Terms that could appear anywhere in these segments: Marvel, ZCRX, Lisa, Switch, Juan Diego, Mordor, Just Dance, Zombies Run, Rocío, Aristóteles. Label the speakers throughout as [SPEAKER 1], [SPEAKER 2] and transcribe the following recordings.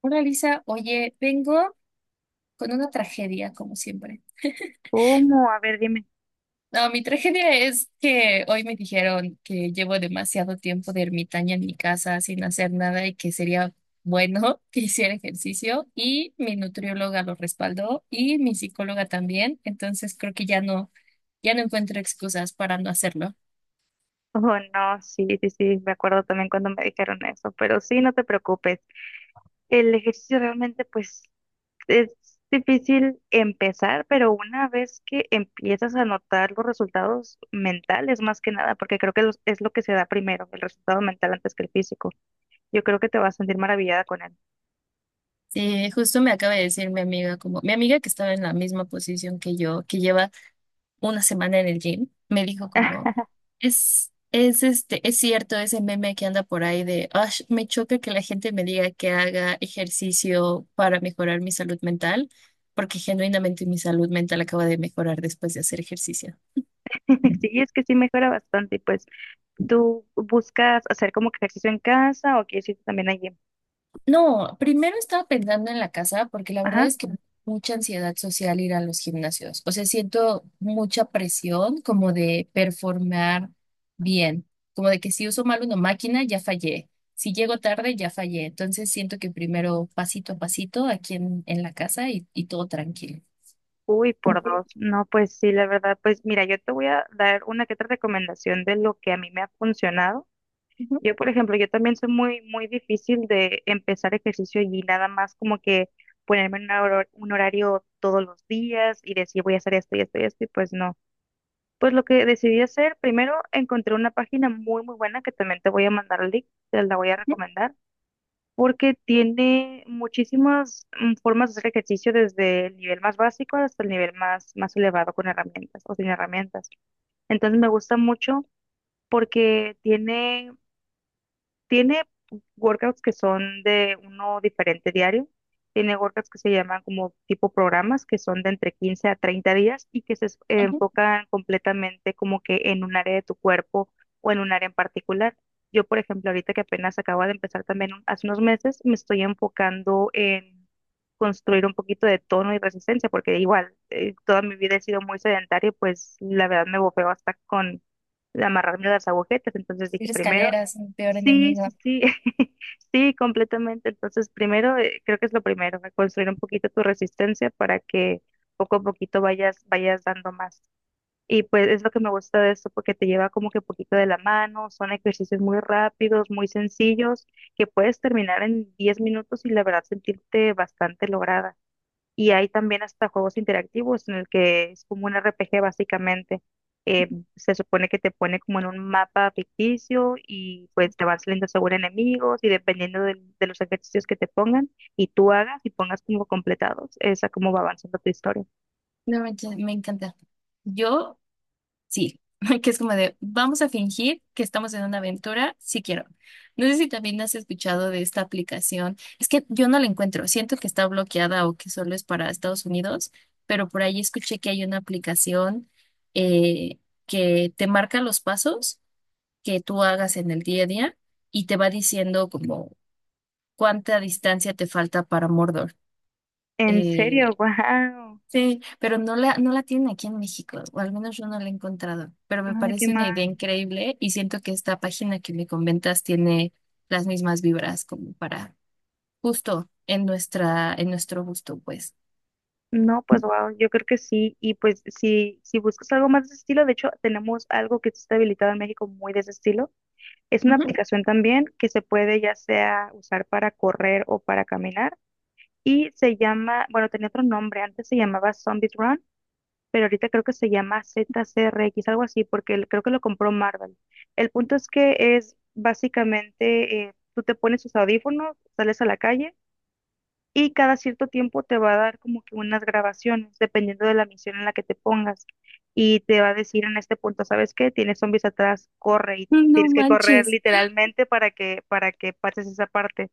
[SPEAKER 1] Hola Lisa, oye, vengo con una tragedia, como siempre.
[SPEAKER 2] ¿Cómo? A ver, dime.
[SPEAKER 1] No, mi tragedia es que hoy me dijeron que llevo demasiado tiempo de ermitaña en mi casa sin hacer nada y que sería bueno que hiciera ejercicio y mi nutrióloga lo respaldó y mi psicóloga también. Entonces creo que ya no encuentro excusas para no hacerlo.
[SPEAKER 2] Oh, no, sí, sí, sí, me acuerdo también cuando me dijeron eso, pero sí, no te preocupes. El ejercicio realmente, pues, es difícil empezar, pero una vez que empiezas a notar los resultados mentales, más que nada, porque creo que es lo que se da primero, el resultado mental antes que el físico. Yo creo que te vas a sentir maravillada con él.
[SPEAKER 1] Sí, justo me acaba de decir mi amiga, como mi amiga que estaba en la misma posición que yo, que lleva una semana en el gym. Me dijo como, es cierto ese meme que anda por ahí de, "Ash, me choca que la gente me diga que haga ejercicio para mejorar mi salud mental, porque genuinamente mi salud mental acaba de mejorar después de hacer ejercicio".
[SPEAKER 2] Sí, es que sí mejora bastante, y pues, ¿tú buscas hacer como que ejercicio en casa o quieres ir también allí?
[SPEAKER 1] No, primero estaba pensando en la casa, porque la verdad es que mucha ansiedad social ir a los gimnasios. O sea, siento mucha presión como de performar bien, como de que si uso mal una máquina ya fallé, si llego tarde ya fallé. Entonces siento que primero pasito a pasito aquí en la casa y todo tranquilo.
[SPEAKER 2] Uy, por dos. No, pues sí, la verdad, pues mira, yo te voy a dar una que otra recomendación de lo que a mí me ha funcionado.
[SPEAKER 1] Ujú,
[SPEAKER 2] Yo, por ejemplo, yo también soy muy, muy difícil de empezar ejercicio y nada más como que ponerme en un un horario todos los días y decir voy a hacer esto y esto y esto, y pues no. Pues lo que decidí hacer, primero encontré una página muy, muy buena que también te voy a mandar el link, te la voy a
[SPEAKER 1] ujú,
[SPEAKER 2] recomendar porque tiene muchísimas formas de hacer ejercicio desde el nivel más básico hasta el nivel más, más elevado con herramientas o sin herramientas. Entonces me gusta mucho porque tiene workouts que son de uno diferente diario. Tiene workouts que se llaman como tipo programas, que son de entre 15 a 30 días y que
[SPEAKER 1] ujú.
[SPEAKER 2] enfocan completamente como que en un área de tu cuerpo o en un área en particular. Yo, por ejemplo, ahorita que apenas acabo de empezar también hace unos meses, me estoy enfocando en construir un poquito de tono y resistencia, porque igual toda mi vida he sido muy sedentaria y pues la verdad me bofeo hasta con amarrarme las agujetas. Entonces dije,
[SPEAKER 1] Ir
[SPEAKER 2] primero.
[SPEAKER 1] escaleras, mi peor
[SPEAKER 2] Sí, sí,
[SPEAKER 1] enemiga.
[SPEAKER 2] sí, sí, completamente. Entonces, primero, creo que es lo primero, construir un poquito tu resistencia para que poco a poquito vayas dando más. Y pues es lo que me gusta de esto, porque te lleva como que poquito de la mano, son ejercicios muy rápidos, muy sencillos, que puedes terminar en 10 minutos y la verdad sentirte bastante lograda. Y hay también hasta juegos interactivos en el que es como un RPG básicamente. Eh, Se supone que te pone como en un mapa ficticio y pues te van saliendo según enemigos y dependiendo de los ejercicios que te pongan y tú hagas y pongas como completados, esa como va avanzando tu historia.
[SPEAKER 1] No, me encanta. Yo, sí, que es como de, vamos a fingir que estamos en una aventura, si quiero. No sé si también has escuchado de esta aplicación. Es que yo no la encuentro, siento que está bloqueada o que solo es para Estados Unidos, pero por ahí escuché que hay una aplicación, eh, que te marca los pasos que tú hagas en el día a día y te va diciendo como cuánta distancia te falta para Mordor.
[SPEAKER 2] En
[SPEAKER 1] Eh,
[SPEAKER 2] serio, wow.
[SPEAKER 1] Sí, pero no la tienen aquí en México, o al menos yo no la he encontrado, pero me
[SPEAKER 2] Ay, qué
[SPEAKER 1] parece
[SPEAKER 2] mal.
[SPEAKER 1] una idea increíble y siento que esta página que me comentas tiene las mismas vibras como para justo en nuestro gusto, pues.
[SPEAKER 2] No, pues wow, yo creo que sí. Y pues si buscas algo más de ese estilo, de hecho tenemos algo que está habilitado en México muy de ese estilo. Es una
[SPEAKER 1] Ujú.
[SPEAKER 2] aplicación también que se puede ya sea usar para correr o para caminar y se llama, bueno, tenía otro nombre, antes se llamaba Zombies Run, pero ahorita creo que se llama ZCRX, algo así, porque creo que lo compró Marvel. El punto es que es básicamente, tú te pones tus audífonos, sales a la calle y cada cierto tiempo te va a dar como que unas grabaciones, dependiendo de la misión en la que te pongas, y te va a decir en este punto, ¿sabes qué? Tienes zombies atrás, corre y
[SPEAKER 1] ¡No
[SPEAKER 2] tienes que correr
[SPEAKER 1] manches!
[SPEAKER 2] literalmente para que pases esa parte.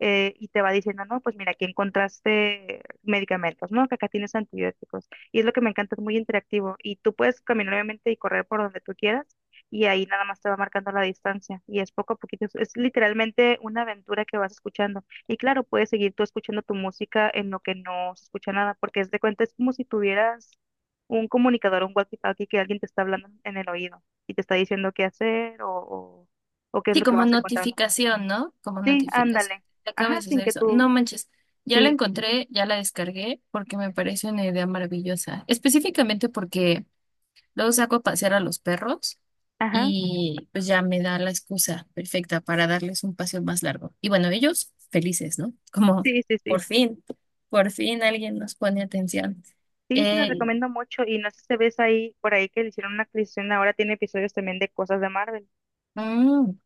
[SPEAKER 2] Y te va diciendo, no, pues mira, aquí encontraste medicamentos, ¿no? Que acá tienes antibióticos. Y es lo que me encanta, es muy interactivo. Y tú puedes caminar obviamente y correr por donde tú quieras y ahí nada más te va marcando la distancia. Y es poco a poquito, es literalmente una aventura que vas escuchando. Y claro, puedes seguir tú escuchando tu música en lo que no se escucha nada, porque es de cuenta, es como si tuvieras un comunicador, un walkie-talkie que alguien te está hablando en el oído y te está diciendo qué hacer o o qué es
[SPEAKER 1] Sí,
[SPEAKER 2] lo que
[SPEAKER 1] como
[SPEAKER 2] vas a encontrar.
[SPEAKER 1] notificación, ¿no? Como
[SPEAKER 2] Sí,
[SPEAKER 1] notificación.
[SPEAKER 2] ándale.
[SPEAKER 1] Acaba
[SPEAKER 2] Ajá,
[SPEAKER 1] de
[SPEAKER 2] sin
[SPEAKER 1] suceder
[SPEAKER 2] que
[SPEAKER 1] eso.
[SPEAKER 2] tú,
[SPEAKER 1] ¡No manches! Ya la
[SPEAKER 2] sí,
[SPEAKER 1] encontré, ya la descargué porque me parece una idea maravillosa. Específicamente porque luego saco a pasear a los perros
[SPEAKER 2] ajá,
[SPEAKER 1] y pues ya me da la excusa perfecta para darles un paseo más largo. Y bueno, ellos felices, ¿no? Como
[SPEAKER 2] sí, sí,
[SPEAKER 1] por
[SPEAKER 2] sí.
[SPEAKER 1] fin, por fin alguien nos pone atención.
[SPEAKER 2] Sí, te lo
[SPEAKER 1] Eh,
[SPEAKER 2] recomiendo mucho y no sé si ves ahí, por ahí que le hicieron una actualización, ahora tiene episodios también de cosas de Marvel.
[SPEAKER 1] mm,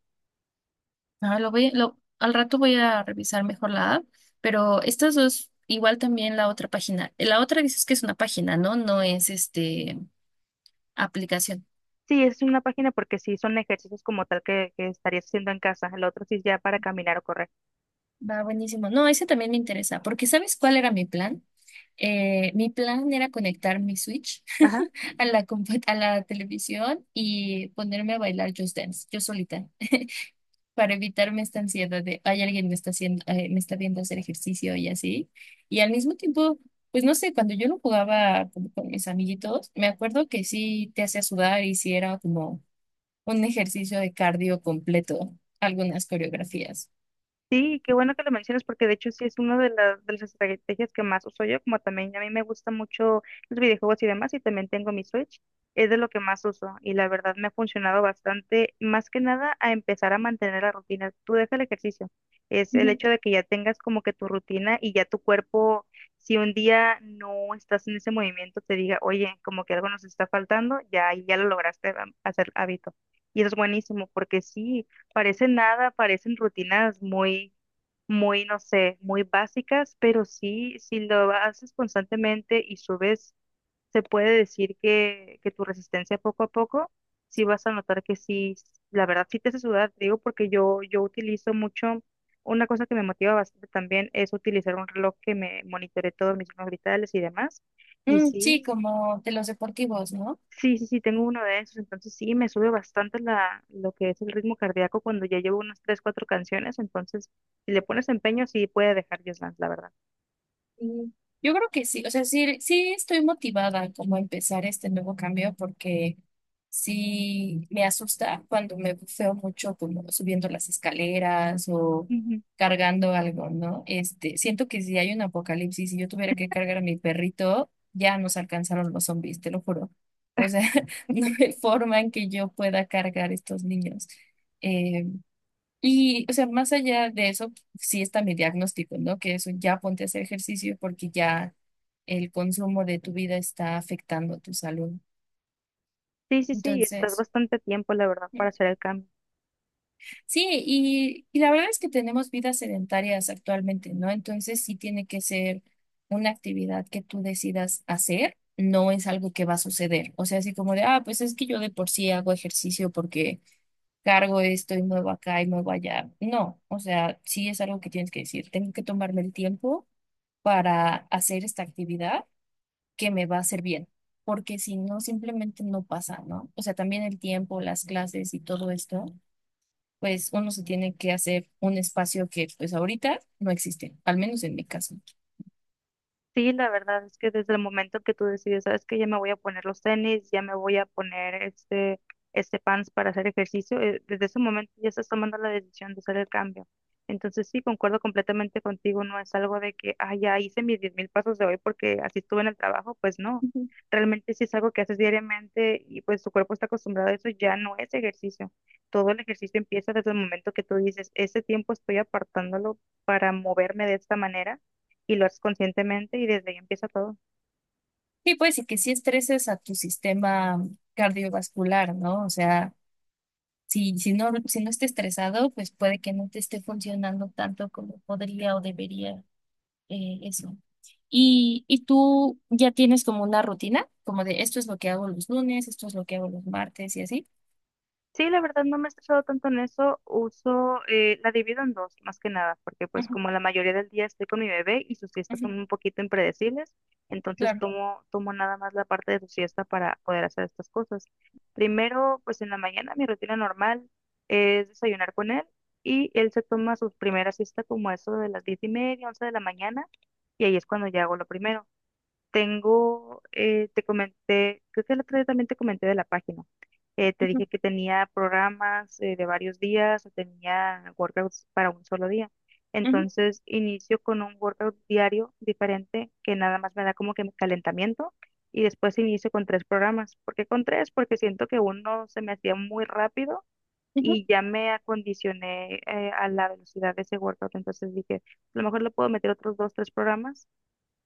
[SPEAKER 1] Al rato voy a revisar mejor la app, pero estas dos, igual también la otra página. La otra dices que es una página, ¿no? No es aplicación.
[SPEAKER 2] Sí, es una página porque sí son ejercicios como tal que estarías haciendo en casa, el otro sí es ya para caminar o correr.
[SPEAKER 1] Va buenísimo. No, ese también me interesa. Porque ¿sabes cuál era mi plan? Mi plan era conectar mi Switch
[SPEAKER 2] Ajá.
[SPEAKER 1] a la, compu- a la televisión y ponerme a bailar Just Dance, yo solita, para evitarme esta ansiedad de, ay, alguien me está haciendo, me está viendo hacer ejercicio y así. Y al mismo tiempo, pues no sé, cuando yo lo jugaba como con mis amiguitos, me acuerdo que sí te hacía sudar y sí era como un ejercicio de cardio completo, algunas coreografías.
[SPEAKER 2] Sí, qué bueno que lo mencionas porque de hecho sí es una de de las estrategias que más uso yo, como también a mí me gustan mucho los videojuegos y demás y también tengo mi Switch, es de lo que más uso y la verdad me ha funcionado bastante, más que nada a empezar a mantener la rutina. Tú deja el ejercicio, es el hecho de que ya tengas como que tu rutina y ya tu cuerpo, si un día no estás en ese movimiento, te diga, oye, como que algo nos está faltando, ya, ahí ya lo lograste hacer hábito. Y eso es buenísimo porque sí. Parecen nada, parecen rutinas muy, muy, no sé, muy básicas, pero sí, si lo haces constantemente y subes, se puede decir que tu resistencia poco a poco, sí vas a notar que sí, la verdad sí te hace sudar, te digo, porque yo utilizo mucho, una cosa que me motiva bastante también es utilizar un reloj que me monitore todos mis signos vitales y demás, y
[SPEAKER 1] Mm, sí,
[SPEAKER 2] sí.
[SPEAKER 1] como de los deportivos, ¿no?
[SPEAKER 2] Sí, sí, sí, tengo uno de esos, entonces sí, me sube bastante lo que es el ritmo cardíaco cuando ya llevo unas tres, cuatro canciones, entonces si le pones empeño sí puede dejar Just Dance, la verdad.
[SPEAKER 1] Sí. Yo creo que sí, o sea, sí, sí estoy motivada como a empezar este nuevo cambio, porque sí me asusta cuando me bufeo mucho como subiendo las escaleras o
[SPEAKER 2] Ujú.
[SPEAKER 1] cargando algo, ¿no? Este, siento que si hay un apocalipsis y yo tuviera que cargar a mi perrito, ya nos alcanzaron los zombies, te lo juro. O sea, no hay forma en que yo pueda cargar estos niños. Eh, Y, o sea, más allá de eso, sí está mi diagnóstico, ¿no? Que eso, ya ponte a hacer ejercicio porque ya el consumo de tu vida está afectando tu salud.
[SPEAKER 2] Sí, sí, sí, estás
[SPEAKER 1] Entonces,
[SPEAKER 2] bastante tiempo, la verdad, para hacer el cambio.
[SPEAKER 1] sí, y la verdad es que tenemos vidas sedentarias actualmente, ¿no? Entonces sí tiene que ser una actividad que tú decidas hacer, no es algo que va a suceder. O sea, así como de, ah, pues es que yo de por sí hago ejercicio porque cargo esto y muevo acá y muevo allá. No, o sea, sí es algo que tienes que decir. Tengo que tomarme el tiempo para hacer esta actividad que me va a hacer bien, porque si no, simplemente no pasa, ¿no? O sea, también el tiempo, las clases y todo esto, pues uno se tiene que hacer un espacio que pues ahorita no existe, al menos en mi caso.
[SPEAKER 2] Sí, la verdad es que desde el momento que tú decides, sabes que ya me voy a poner los tenis, ya me voy a poner este pants para hacer ejercicio, desde ese momento ya estás tomando la decisión de hacer el cambio. Entonces sí, concuerdo completamente contigo, no es algo de que, ah, ya hice mis 10.000 pasos de hoy porque así estuve en el trabajo, pues no,
[SPEAKER 1] Ujú.
[SPEAKER 2] realmente sí es algo que haces diariamente y pues tu cuerpo está acostumbrado a eso, ya no es ejercicio. Todo el ejercicio empieza desde el momento que tú dices, ese tiempo estoy apartándolo para moverme de esta manera y lo haces conscientemente y desde ahí empieza todo.
[SPEAKER 1] Sí, pues, y que sí estreses a tu sistema cardiovascular, ¿no? O sea, si, si no esté estresado, pues puede que no te esté funcionando tanto como podría o debería, eso. Y tú ya tienes como una rutina, como de esto es lo que hago los lunes, esto es lo que hago los martes y así.
[SPEAKER 2] Sí, la verdad no me he estresado tanto en eso, uso, la divido en dos, más que nada, porque pues
[SPEAKER 1] Ujú,
[SPEAKER 2] como la mayoría del día estoy con mi bebé y sus siestas son
[SPEAKER 1] ujú.
[SPEAKER 2] un poquito impredecibles, entonces
[SPEAKER 1] Claro.
[SPEAKER 2] tomo nada más la parte de su siesta para poder hacer estas cosas. Primero, pues en la mañana mi rutina normal es desayunar con él y él se toma su primera siesta como a eso de las 10:30, 11 de la mañana y ahí es cuando ya hago lo primero. Tengo, te comenté, creo que el otro día también te comenté de la página. Te
[SPEAKER 1] Ujú,
[SPEAKER 2] dije que tenía programas de varios días o tenía workouts para un solo día.
[SPEAKER 1] ujú,
[SPEAKER 2] Entonces inicio con un workout diario diferente que nada más me da como que mi calentamiento y después inicio con tres programas. ¿Por qué con tres? Porque siento que uno se me hacía muy rápido
[SPEAKER 1] ujú.
[SPEAKER 2] y ya me acondicioné a la velocidad de ese workout. Entonces dije, a lo mejor le puedo meter otros dos, tres programas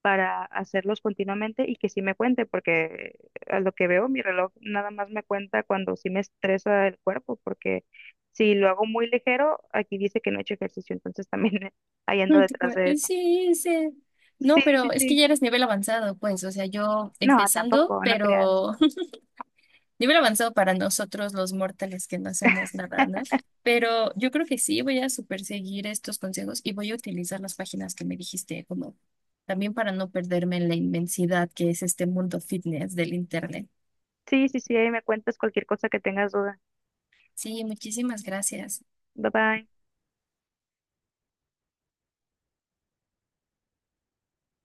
[SPEAKER 2] para hacerlos continuamente y que sí me cuente, porque a lo que veo mi reloj nada más me cuenta cuando sí me estresa el cuerpo, porque si lo hago muy ligero, aquí dice que no he hecho ejercicio, entonces también ahí ando
[SPEAKER 1] Ay, tú
[SPEAKER 2] detrás
[SPEAKER 1] como,
[SPEAKER 2] de eso.
[SPEAKER 1] sí, sí.
[SPEAKER 2] Sí,
[SPEAKER 1] No,
[SPEAKER 2] sí,
[SPEAKER 1] pero es que
[SPEAKER 2] sí.
[SPEAKER 1] ya eres nivel avanzado, pues, o sea, yo
[SPEAKER 2] No,
[SPEAKER 1] empezando,
[SPEAKER 2] tampoco, no creas.
[SPEAKER 1] pero nivel avanzado para nosotros los mortales que no hacemos nada, ¿no? Pero yo creo que sí, voy a super seguir estos consejos y voy a utilizar las páginas que me dijiste, como también para no perderme en la inmensidad que es este mundo fitness del internet.
[SPEAKER 2] Sí, sí, sí, ahí me cuentas cualquier cosa que tengas duda.
[SPEAKER 1] Sí, muchísimas gracias.
[SPEAKER 2] Bye bye.